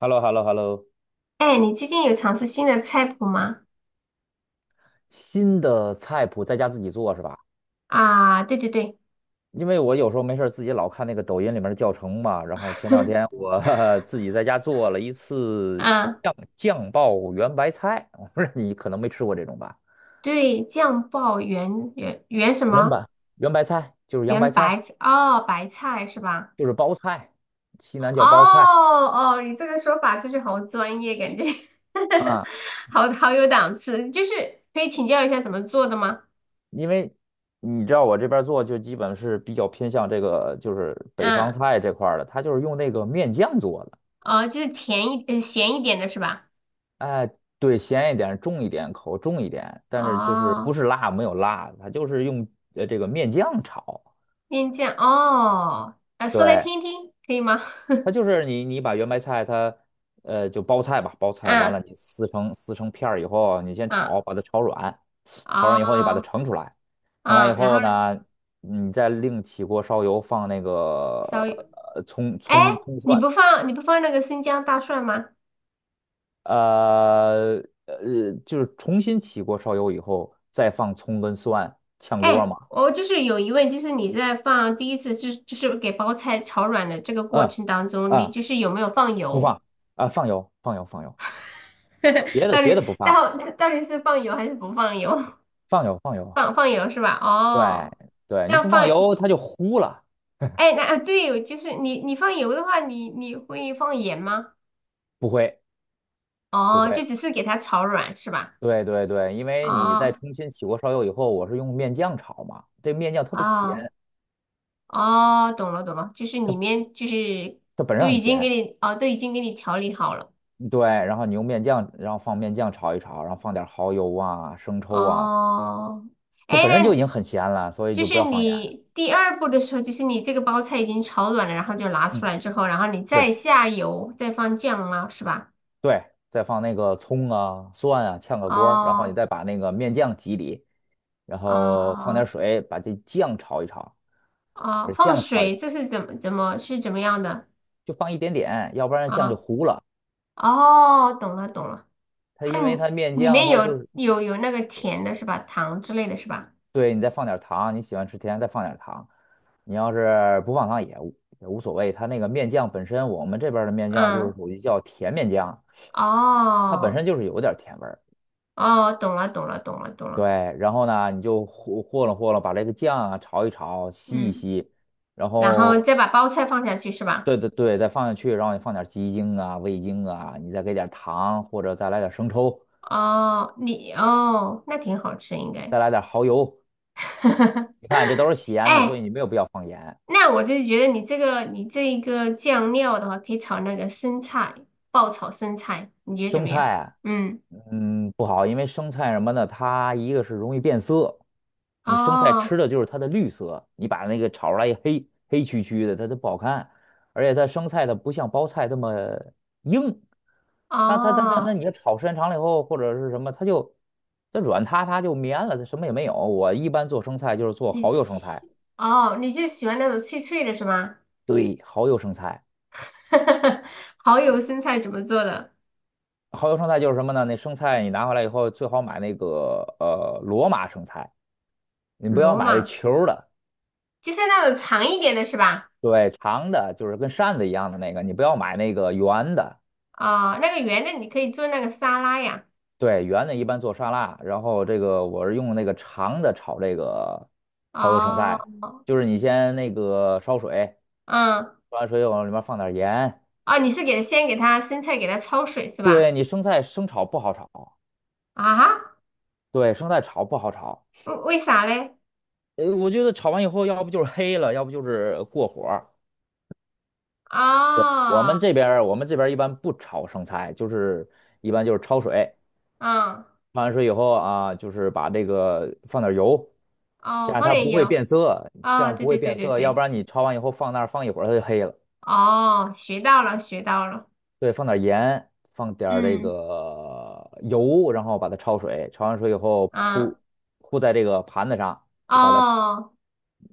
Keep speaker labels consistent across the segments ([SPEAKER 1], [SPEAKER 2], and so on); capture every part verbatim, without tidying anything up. [SPEAKER 1] h e l l o h e l l o h e l l o。
[SPEAKER 2] 哎，你最近有尝试新的菜谱吗？
[SPEAKER 1] 新的菜谱在家自己做是吧？
[SPEAKER 2] 啊，对对对，
[SPEAKER 1] 因为我有时候没事儿自己老看那个抖音里面的教程嘛，然后前两天 我 自己在家做了一次
[SPEAKER 2] 嗯，
[SPEAKER 1] 酱酱爆圆白菜，我不知道你可能没吃过这种吧？
[SPEAKER 2] 对，酱爆圆圆圆什
[SPEAKER 1] 圆
[SPEAKER 2] 么？
[SPEAKER 1] 白圆白菜就是洋白
[SPEAKER 2] 圆
[SPEAKER 1] 菜，
[SPEAKER 2] 白菜哦，白菜是吧？
[SPEAKER 1] 就是包菜，西南
[SPEAKER 2] 哦
[SPEAKER 1] 叫包菜
[SPEAKER 2] 哦，你这个说法就是好专业，感觉
[SPEAKER 1] 啊。
[SPEAKER 2] 好好有档次。就是可以请教一下怎么做的吗？
[SPEAKER 1] 因为你知道我这边儿做就基本是比较偏向这个就是北方
[SPEAKER 2] 嗯，
[SPEAKER 1] 菜这块儿的，它就是用那个面酱做的。
[SPEAKER 2] 哦，就是甜一呃咸一点的是吧？
[SPEAKER 1] 哎，对，咸一点，重一点，口重一点，但是就是不
[SPEAKER 2] 哦，
[SPEAKER 1] 是辣，没有辣，它就是用呃这个面酱炒。
[SPEAKER 2] 面酱哦，呃，说来
[SPEAKER 1] 对，
[SPEAKER 2] 听一听，可以吗？
[SPEAKER 1] 它就是你你把圆白菜它呃就包菜吧，包 菜完
[SPEAKER 2] 嗯
[SPEAKER 1] 了你撕成撕成片儿以后，你先
[SPEAKER 2] 嗯，
[SPEAKER 1] 炒，把它炒软，炒软以后你把它
[SPEAKER 2] 哦
[SPEAKER 1] 盛出来，盛出来以
[SPEAKER 2] 嗯，然
[SPEAKER 1] 后
[SPEAKER 2] 后呢？
[SPEAKER 1] 呢，你再另起锅烧油放那个
[SPEAKER 2] 小，
[SPEAKER 1] 呃葱
[SPEAKER 2] 哎，
[SPEAKER 1] 葱葱
[SPEAKER 2] 你
[SPEAKER 1] 蒜，
[SPEAKER 2] 不放你不放那个生姜大蒜吗？
[SPEAKER 1] 呃呃就是重新起锅烧油以后再放葱跟蒜炝锅
[SPEAKER 2] 哎，
[SPEAKER 1] 嘛。
[SPEAKER 2] 我就是有疑问，就是你在放第一次就就是给包菜炒软的这个过
[SPEAKER 1] 嗯
[SPEAKER 2] 程当中，你
[SPEAKER 1] 嗯，
[SPEAKER 2] 就是有没有放
[SPEAKER 1] 不放
[SPEAKER 2] 油？
[SPEAKER 1] 啊，放油，放油，放油，别 的
[SPEAKER 2] 到
[SPEAKER 1] 别
[SPEAKER 2] 底
[SPEAKER 1] 的不放，
[SPEAKER 2] 到到底是放油还是不放油？
[SPEAKER 1] 放油，放 油。
[SPEAKER 2] 放放油是吧？
[SPEAKER 1] 对
[SPEAKER 2] 哦，
[SPEAKER 1] 对，你
[SPEAKER 2] 要
[SPEAKER 1] 不放
[SPEAKER 2] 放，
[SPEAKER 1] 油，它就糊了，
[SPEAKER 2] 哎，那啊对，就是你你放油的话，你你会放盐吗？
[SPEAKER 1] 不会不
[SPEAKER 2] 哦，
[SPEAKER 1] 会。
[SPEAKER 2] 就只是给它炒软是吧？
[SPEAKER 1] 对对对，因为你在
[SPEAKER 2] 哦
[SPEAKER 1] 重新起锅烧油以后，我是用面酱炒嘛，这面酱特别
[SPEAKER 2] 哦。
[SPEAKER 1] 咸，
[SPEAKER 2] 哦，懂了懂了，就是里
[SPEAKER 1] 它
[SPEAKER 2] 面就是
[SPEAKER 1] 它本身
[SPEAKER 2] 都
[SPEAKER 1] 很
[SPEAKER 2] 已经
[SPEAKER 1] 咸。
[SPEAKER 2] 给你哦，都已经给你调理好了。
[SPEAKER 1] 对，然后你用面酱，然后放面酱炒一炒，然后放点蚝油啊、生抽啊，
[SPEAKER 2] 哦，
[SPEAKER 1] 这
[SPEAKER 2] 哎，
[SPEAKER 1] 本身就已
[SPEAKER 2] 那
[SPEAKER 1] 经很咸了，所以
[SPEAKER 2] 就
[SPEAKER 1] 就不
[SPEAKER 2] 是
[SPEAKER 1] 要放盐。
[SPEAKER 2] 你第二步的时候，就是你这个包菜已经炒软了，然后就拿出
[SPEAKER 1] 嗯，
[SPEAKER 2] 来之后，然后你
[SPEAKER 1] 对。
[SPEAKER 2] 再下油，再放酱吗？是吧？
[SPEAKER 1] 对，再放那个葱啊、蒜啊，炝个锅儿，然后你
[SPEAKER 2] 哦
[SPEAKER 1] 再把那个面酱挤里，然后放点
[SPEAKER 2] 哦
[SPEAKER 1] 水，把这酱炒一炒，把
[SPEAKER 2] 哦，
[SPEAKER 1] 这
[SPEAKER 2] 放
[SPEAKER 1] 酱炒一
[SPEAKER 2] 水，
[SPEAKER 1] 炒，
[SPEAKER 2] 这是怎么怎么是怎么样的
[SPEAKER 1] 就放一点点，要不然酱就
[SPEAKER 2] 啊？
[SPEAKER 1] 糊了。
[SPEAKER 2] 哦，懂了懂了，
[SPEAKER 1] 它
[SPEAKER 2] 它里
[SPEAKER 1] 因为它面
[SPEAKER 2] 里
[SPEAKER 1] 酱，
[SPEAKER 2] 面
[SPEAKER 1] 它就
[SPEAKER 2] 有
[SPEAKER 1] 是，
[SPEAKER 2] 有有那个甜的是吧？糖之类的是吧？
[SPEAKER 1] 对，你再放点糖，你喜欢吃甜，再放点糖。你要是不放糖也无也无所谓，它那个面酱本身，我们这边儿的面酱就是
[SPEAKER 2] 嗯，
[SPEAKER 1] 属于叫甜面酱，它本
[SPEAKER 2] 哦。
[SPEAKER 1] 身就是有点儿甜味儿。
[SPEAKER 2] 哦，懂了，懂了，懂了，懂
[SPEAKER 1] 对，
[SPEAKER 2] 了。
[SPEAKER 1] 然后呢，你就和和了和了，把这个酱啊炒一炒，吸一
[SPEAKER 2] 嗯，
[SPEAKER 1] 吸，然
[SPEAKER 2] 然后
[SPEAKER 1] 后
[SPEAKER 2] 再把包菜放下去是吧？
[SPEAKER 1] 对对对，再放下去，然后你放点鸡精啊、味精啊，你再给点糖，或者再来点生抽，
[SPEAKER 2] 哦，你哦，那挺好吃应该。
[SPEAKER 1] 再来点蚝油。你看这都是咸的，所以
[SPEAKER 2] 哎，
[SPEAKER 1] 你没有必要放盐。
[SPEAKER 2] 那我就是觉得你这个你这一个酱料的话，可以炒那个生菜，爆炒生菜，你觉得怎
[SPEAKER 1] 生
[SPEAKER 2] 么样？
[SPEAKER 1] 菜啊。
[SPEAKER 2] 嗯，
[SPEAKER 1] 嗯，不好，因为生菜什么的，它一个是容易变色，你生菜吃
[SPEAKER 2] 哦
[SPEAKER 1] 的就是它的绿色，你把那个炒出来一黑黑黢黢的，它就不好看。而且它生菜它不像包菜那么硬，它它它它那
[SPEAKER 2] 哦，
[SPEAKER 1] 你要炒时间长了以后或者是什么，它就它软塌塌就绵了，它什么也没有。我一般做生菜就是做
[SPEAKER 2] 你
[SPEAKER 1] 蚝油生菜，
[SPEAKER 2] 喜哦，你就喜欢那种脆脆的是吗？
[SPEAKER 1] 对，蚝油生菜，
[SPEAKER 2] 蚝油生菜怎么做的？
[SPEAKER 1] 蚝油生菜就是什么呢？那生菜你拿回来以后最好买那个呃罗马生菜，你不要
[SPEAKER 2] 罗
[SPEAKER 1] 买那
[SPEAKER 2] 马
[SPEAKER 1] 球儿的。
[SPEAKER 2] 就是那种长一点的是吧？
[SPEAKER 1] 对，长的就是跟扇子一样的那个，你不要买那个圆的。
[SPEAKER 2] 哦，那个圆的你可以做那个沙拉呀。
[SPEAKER 1] 对，圆的一般做沙拉，然后这个我是用那个长的炒这个蚝油生
[SPEAKER 2] 哦，
[SPEAKER 1] 菜，就是你先那个烧水，
[SPEAKER 2] 嗯，
[SPEAKER 1] 烧完水往里面放点盐。
[SPEAKER 2] 哦，你是给先给它生菜给它焯水是吧？
[SPEAKER 1] 对，你生菜生炒不好炒，
[SPEAKER 2] 啊哈
[SPEAKER 1] 对，生菜炒不好炒。
[SPEAKER 2] 为为啥嘞？
[SPEAKER 1] 呃，我觉得炒完以后，要不就是黑了，要不就是过火儿。对，我
[SPEAKER 2] 哦，
[SPEAKER 1] 们这边儿我们这边儿一般不炒生菜，就是一般就是焯水，
[SPEAKER 2] 嗯，
[SPEAKER 1] 焯完水以后啊，就是把这个放点油。这
[SPEAKER 2] 哦，
[SPEAKER 1] 样
[SPEAKER 2] 放
[SPEAKER 1] 它
[SPEAKER 2] 点
[SPEAKER 1] 不会
[SPEAKER 2] 油。
[SPEAKER 1] 变色，这
[SPEAKER 2] 哦，
[SPEAKER 1] 样
[SPEAKER 2] 对
[SPEAKER 1] 不会
[SPEAKER 2] 对对
[SPEAKER 1] 变
[SPEAKER 2] 对
[SPEAKER 1] 色，要不
[SPEAKER 2] 对，
[SPEAKER 1] 然你焯完以后放那儿放一会儿它就黑了。
[SPEAKER 2] 哦，学到了学到了。
[SPEAKER 1] 对，放点盐，放点儿这
[SPEAKER 2] 嗯，
[SPEAKER 1] 个油，然后把它焯水，焯完水以后铺
[SPEAKER 2] 啊，
[SPEAKER 1] 铺在这个盘子上，就把它
[SPEAKER 2] 哦，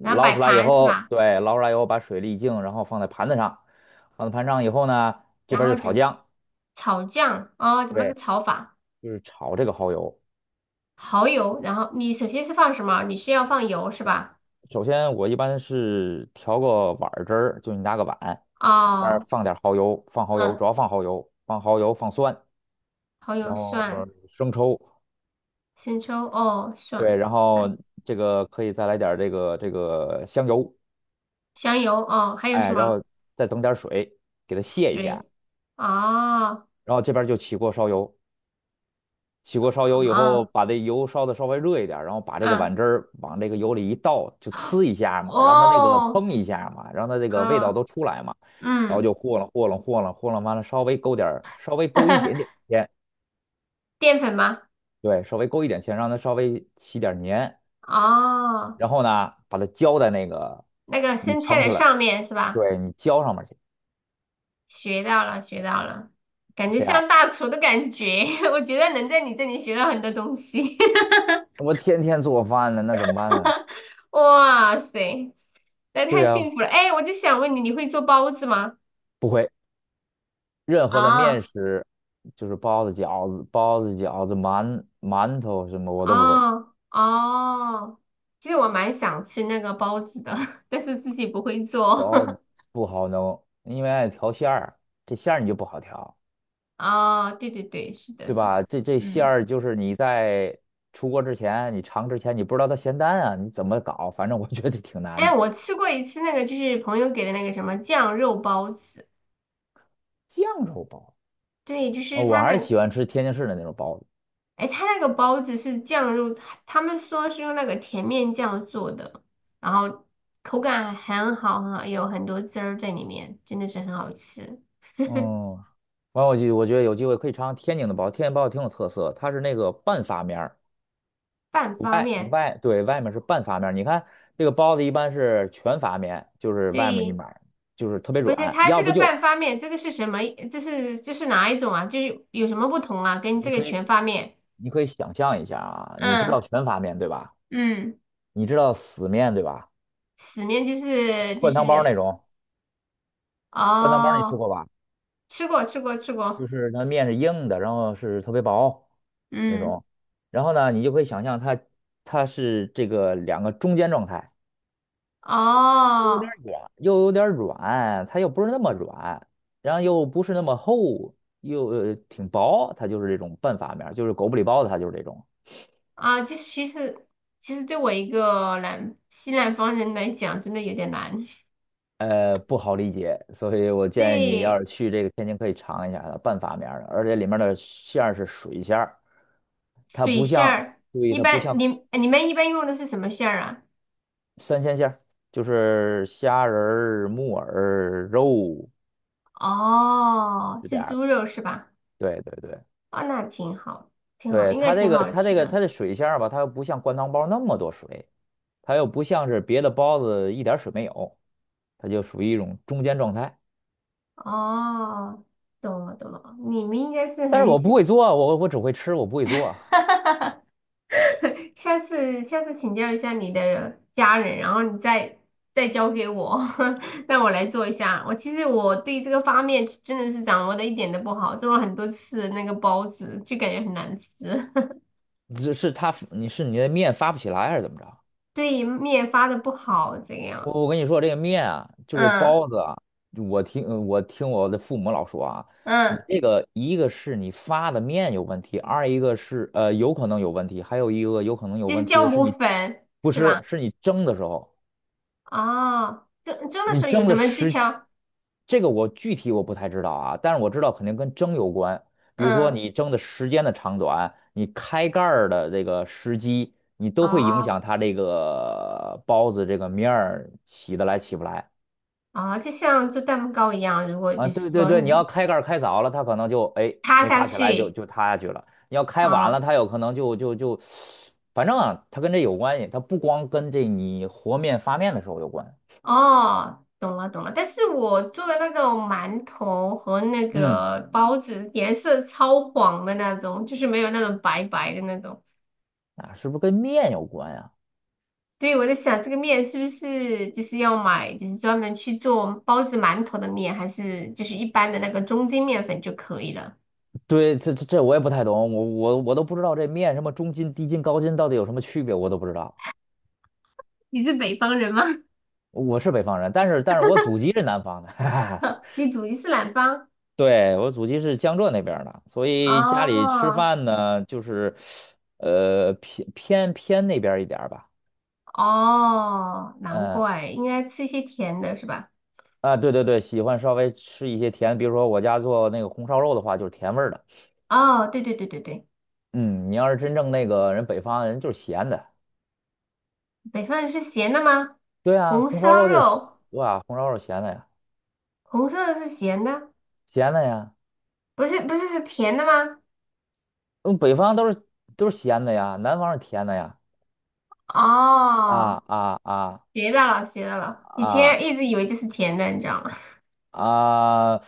[SPEAKER 2] 然后摆
[SPEAKER 1] 出来以
[SPEAKER 2] 盘是
[SPEAKER 1] 后，
[SPEAKER 2] 吧？
[SPEAKER 1] 对，捞出来以后把水沥净，然后放在盘子上，放在盘上以后呢，这
[SPEAKER 2] 然
[SPEAKER 1] 边儿
[SPEAKER 2] 后
[SPEAKER 1] 就炒
[SPEAKER 2] 就
[SPEAKER 1] 姜，
[SPEAKER 2] 炒酱。哦，怎么
[SPEAKER 1] 对，
[SPEAKER 2] 个炒法？
[SPEAKER 1] 就是炒这个蚝油。
[SPEAKER 2] 蚝油，然后你首先是放什么？你是要放油是吧？
[SPEAKER 1] 首先我一般是调个碗儿汁儿，就你拿个碗，里边儿
[SPEAKER 2] 哦，
[SPEAKER 1] 放点儿蚝油，放蚝油，
[SPEAKER 2] 嗯，
[SPEAKER 1] 主要放蚝油，放蚝油，放蒜。
[SPEAKER 2] 蚝油
[SPEAKER 1] 然后呃
[SPEAKER 2] 蒜。
[SPEAKER 1] 生抽，
[SPEAKER 2] 生抽哦，
[SPEAKER 1] 对，
[SPEAKER 2] 蒜，
[SPEAKER 1] 然后
[SPEAKER 2] 嗯，
[SPEAKER 1] 这个可以再来点儿这个这个香油，
[SPEAKER 2] 香油哦，还有什
[SPEAKER 1] 哎，然
[SPEAKER 2] 么？
[SPEAKER 1] 后再整点儿水给它泄一下，
[SPEAKER 2] 水哦，
[SPEAKER 1] 然后这边儿就起锅烧油，起锅烧油以后，
[SPEAKER 2] 啊
[SPEAKER 1] 把这油烧的稍微热一点儿然后把这个
[SPEAKER 2] 嗯
[SPEAKER 1] 碗汁儿往这个油里一倒，就呲一下嘛，让它那个
[SPEAKER 2] 哦
[SPEAKER 1] 嘭一下嘛，让它这个味道
[SPEAKER 2] 啊
[SPEAKER 1] 都出来嘛，然后
[SPEAKER 2] 嗯，
[SPEAKER 1] 就和了和了和了和了，完了稍微勾点儿稍微勾一点点 芡，
[SPEAKER 2] 淀粉吗？
[SPEAKER 1] 对，稍微勾一点芡，让它稍微起点儿黏，
[SPEAKER 2] 哦，
[SPEAKER 1] 然后呢，把它浇在那个
[SPEAKER 2] 那个
[SPEAKER 1] 你
[SPEAKER 2] 生菜
[SPEAKER 1] 盛
[SPEAKER 2] 的
[SPEAKER 1] 出来，
[SPEAKER 2] 上面是吧？
[SPEAKER 1] 对你浇上面去，
[SPEAKER 2] 学到了，学到了，感觉
[SPEAKER 1] 这样。
[SPEAKER 2] 像大厨的感觉，我觉得能在你这里学到很多东西。
[SPEAKER 1] 我天天做饭呢，那怎么办呢？
[SPEAKER 2] 哇塞，那
[SPEAKER 1] 对
[SPEAKER 2] 太幸
[SPEAKER 1] 呀、
[SPEAKER 2] 福了！哎，我就想问你，你会做包子吗？
[SPEAKER 1] 不会，任何的面
[SPEAKER 2] 啊。
[SPEAKER 1] 食，就是包子、饺子、包子、饺子、馒馒头什么我都不会，
[SPEAKER 2] 哦哦，其实我蛮想吃那个包子的，但是自己不会做。
[SPEAKER 1] 包子不好弄，因为爱调馅儿，这馅儿你就不好调，
[SPEAKER 2] 哦，对对对，是的，
[SPEAKER 1] 对
[SPEAKER 2] 是
[SPEAKER 1] 吧？
[SPEAKER 2] 的，
[SPEAKER 1] 这这馅
[SPEAKER 2] 嗯，
[SPEAKER 1] 儿就是你在出锅之前，你尝之前你不知道它咸淡啊，你怎么搞？反正我觉得挺难
[SPEAKER 2] 哎，
[SPEAKER 1] 的。
[SPEAKER 2] 我吃过一次那个，就是朋友给的那个什么酱肉包子，
[SPEAKER 1] 酱肉包，
[SPEAKER 2] 对，就是
[SPEAKER 1] 哦，我
[SPEAKER 2] 他
[SPEAKER 1] 还是
[SPEAKER 2] 那
[SPEAKER 1] 喜
[SPEAKER 2] 个，
[SPEAKER 1] 欢吃天津市的那种包子。
[SPEAKER 2] 哎，他那个包子是酱肉，他们说是用那个甜面酱做的，然后口感很好，很好，有很多汁儿在里面，真的是很好吃。
[SPEAKER 1] 嗯，完我就我觉得有机会可以尝尝天津的包，天津包挺有特色，它是那个半发面儿，
[SPEAKER 2] 半发
[SPEAKER 1] 外
[SPEAKER 2] 面，
[SPEAKER 1] 外对外面是半发面儿。你看这个包子一般是全发面，就是外面一
[SPEAKER 2] 对。
[SPEAKER 1] 面儿就是特别
[SPEAKER 2] 不是，
[SPEAKER 1] 软，
[SPEAKER 2] 它这
[SPEAKER 1] 要不
[SPEAKER 2] 个
[SPEAKER 1] 就
[SPEAKER 2] 半
[SPEAKER 1] 是
[SPEAKER 2] 发面，这个是什么？这是这是哪一种啊？就是有什么不同啊？跟这
[SPEAKER 1] 你
[SPEAKER 2] 个
[SPEAKER 1] 可以
[SPEAKER 2] 全发面，
[SPEAKER 1] 你可以想象一下啊，你知道
[SPEAKER 2] 嗯
[SPEAKER 1] 全发面对吧？
[SPEAKER 2] 嗯，
[SPEAKER 1] 你知道死面对吧？
[SPEAKER 2] 死面就是就
[SPEAKER 1] 灌汤包儿那
[SPEAKER 2] 是
[SPEAKER 1] 种，灌汤包儿你吃
[SPEAKER 2] 哦，
[SPEAKER 1] 过吧？
[SPEAKER 2] 吃过吃过吃
[SPEAKER 1] 就
[SPEAKER 2] 过，
[SPEAKER 1] 是它面是硬的，然后是特别薄那
[SPEAKER 2] 嗯，
[SPEAKER 1] 种，然后呢，你就可以想象它它是这个两个中间状态。又有点
[SPEAKER 2] 哦
[SPEAKER 1] 软，又有点软，它又不是那么软，然后又不是那么厚，又呃挺薄，它就是这种半发面儿就是狗不理包子，它就是这种，
[SPEAKER 2] 啊，就是其实其实对我一个南西南方人来讲，真的有点难。
[SPEAKER 1] 呃，不好理解，所以我建议你要
[SPEAKER 2] 对，
[SPEAKER 1] 是去这个天津可以尝一下它半发面儿的，而且里面的馅儿是水馅儿，它
[SPEAKER 2] 水
[SPEAKER 1] 不
[SPEAKER 2] 馅
[SPEAKER 1] 像，
[SPEAKER 2] 儿，
[SPEAKER 1] 注意
[SPEAKER 2] 一
[SPEAKER 1] 它不
[SPEAKER 2] 般
[SPEAKER 1] 像
[SPEAKER 2] 你你们一般用的是什么馅儿啊？
[SPEAKER 1] 三鲜馅儿，就是虾仁儿、木耳、肉，
[SPEAKER 2] 哦，
[SPEAKER 1] 是这
[SPEAKER 2] 是
[SPEAKER 1] 样儿的，
[SPEAKER 2] 猪肉是吧？
[SPEAKER 1] 对对对。
[SPEAKER 2] 啊，那挺好，挺好，
[SPEAKER 1] 对，
[SPEAKER 2] 应该
[SPEAKER 1] 它这
[SPEAKER 2] 挺
[SPEAKER 1] 个，
[SPEAKER 2] 好
[SPEAKER 1] 它
[SPEAKER 2] 吃
[SPEAKER 1] 这个，
[SPEAKER 2] 的。
[SPEAKER 1] 它这水馅儿吧，它又不像灌汤包那么多水，它又不像是别的包子一点水没有，它就属于一种中间状态。
[SPEAKER 2] 哦，懂了懂了，你们应该是
[SPEAKER 1] 但是
[SPEAKER 2] 很
[SPEAKER 1] 我不
[SPEAKER 2] 喜，
[SPEAKER 1] 会做，我我只会吃，我不会做。
[SPEAKER 2] 下次下次请教一下你的家人，然后你再再教给我，让我来做一下。我其实我对这个发面真的是掌握的一点都不好，做了很多次那个包子，就感觉很难吃，
[SPEAKER 1] 只是它，你是你的面发不起来还是怎么着？
[SPEAKER 2] 对面发的不好这个样。
[SPEAKER 1] 我我跟你说，这个面啊，就这
[SPEAKER 2] 嗯
[SPEAKER 1] 包子啊，我听我听我的父母老说啊，你
[SPEAKER 2] 嗯，
[SPEAKER 1] 这个一个是你发的面有问题，二一个是呃有可能有问题，还有一个有可能有
[SPEAKER 2] 就是
[SPEAKER 1] 问题
[SPEAKER 2] 酵
[SPEAKER 1] 的是
[SPEAKER 2] 母
[SPEAKER 1] 你
[SPEAKER 2] 粉
[SPEAKER 1] 不
[SPEAKER 2] 是
[SPEAKER 1] 是
[SPEAKER 2] 吧？
[SPEAKER 1] 是你蒸的时候。
[SPEAKER 2] 哦，蒸蒸的
[SPEAKER 1] 你
[SPEAKER 2] 时候有
[SPEAKER 1] 蒸
[SPEAKER 2] 什
[SPEAKER 1] 的
[SPEAKER 2] 么技
[SPEAKER 1] 时，
[SPEAKER 2] 巧？
[SPEAKER 1] 这个我具体我不太知道啊，但是我知道肯定跟蒸有关。比如说
[SPEAKER 2] 嗯。
[SPEAKER 1] 你蒸的时间的长短，你开盖儿的这个时机，你都会影
[SPEAKER 2] 哦
[SPEAKER 1] 响它这个包子这个面儿起得来起不来
[SPEAKER 2] 哦，就像做蛋糕一样，如果
[SPEAKER 1] 啊。
[SPEAKER 2] 就是
[SPEAKER 1] 对对
[SPEAKER 2] 说
[SPEAKER 1] 对，你要
[SPEAKER 2] 你
[SPEAKER 1] 开盖儿开早了，它可能就哎
[SPEAKER 2] 塌
[SPEAKER 1] 没
[SPEAKER 2] 下
[SPEAKER 1] 发起来就
[SPEAKER 2] 去，
[SPEAKER 1] 就塌下去了；你要开晚
[SPEAKER 2] 啊、
[SPEAKER 1] 了，它有可能就就就，反正啊，它跟这有关系，它不光跟这你和面发面的时候有关，
[SPEAKER 2] 哦，懂了懂了。但是我做的那种馒头和那
[SPEAKER 1] 嗯，
[SPEAKER 2] 个包子颜色超黄的那种，就是没有那种白白的那种。
[SPEAKER 1] 啊，是不是跟面有关呀？
[SPEAKER 2] 所以我在想，这个面是不是就是要买，就是专门去做包子、馒头的面，还是就是一般的那个中筋面粉就可以了？
[SPEAKER 1] 对，这这这我也不太懂，我我我都不知道这面什么中筋、低筋、高筋到底有什么区别，我都不知道。
[SPEAKER 2] 你是北方人吗？
[SPEAKER 1] 我是北方人，但是但是我祖籍是南方的，哈哈。
[SPEAKER 2] 你祖籍是南方？
[SPEAKER 1] 对，我祖籍是江浙那边儿的，所以家里吃
[SPEAKER 2] 哦
[SPEAKER 1] 饭呢，就是呃偏偏偏那边儿一点儿吧。
[SPEAKER 2] 哦，难
[SPEAKER 1] 嗯
[SPEAKER 2] 怪，应该吃一些甜的是吧？
[SPEAKER 1] 啊，对对对，喜欢稍微吃一些甜，比如说我家做那个红烧肉的话，就是甜味儿的。
[SPEAKER 2] 哦，对对对对对，
[SPEAKER 1] 嗯，你要是真正那个人北方人就是咸的，
[SPEAKER 2] 北方人是咸的吗？
[SPEAKER 1] 对啊，
[SPEAKER 2] 红
[SPEAKER 1] 红烧
[SPEAKER 2] 烧
[SPEAKER 1] 肉就是咸
[SPEAKER 2] 肉，
[SPEAKER 1] 哇，红烧肉咸的呀，
[SPEAKER 2] 红烧肉是咸的，
[SPEAKER 1] 咸的呀。
[SPEAKER 2] 不是不是是甜的吗？
[SPEAKER 1] 嗯，北方都是都是咸的呀，南方是甜的呀。啊
[SPEAKER 2] 哦，
[SPEAKER 1] 啊啊
[SPEAKER 2] 学到了学到了，以
[SPEAKER 1] 啊
[SPEAKER 2] 前一直以为就是甜的，你知道吗？
[SPEAKER 1] 啊！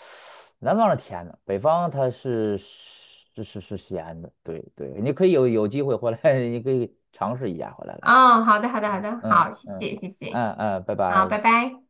[SPEAKER 1] 南方是甜的，北方它是是是是咸的。对对，你可以有有机会回来，你可以尝试一下回来 来。
[SPEAKER 2] 哦，好的好的好的，
[SPEAKER 1] 嗯
[SPEAKER 2] 好，谢
[SPEAKER 1] 嗯
[SPEAKER 2] 谢谢谢，
[SPEAKER 1] 嗯嗯，拜
[SPEAKER 2] 好，
[SPEAKER 1] 拜。
[SPEAKER 2] 拜拜。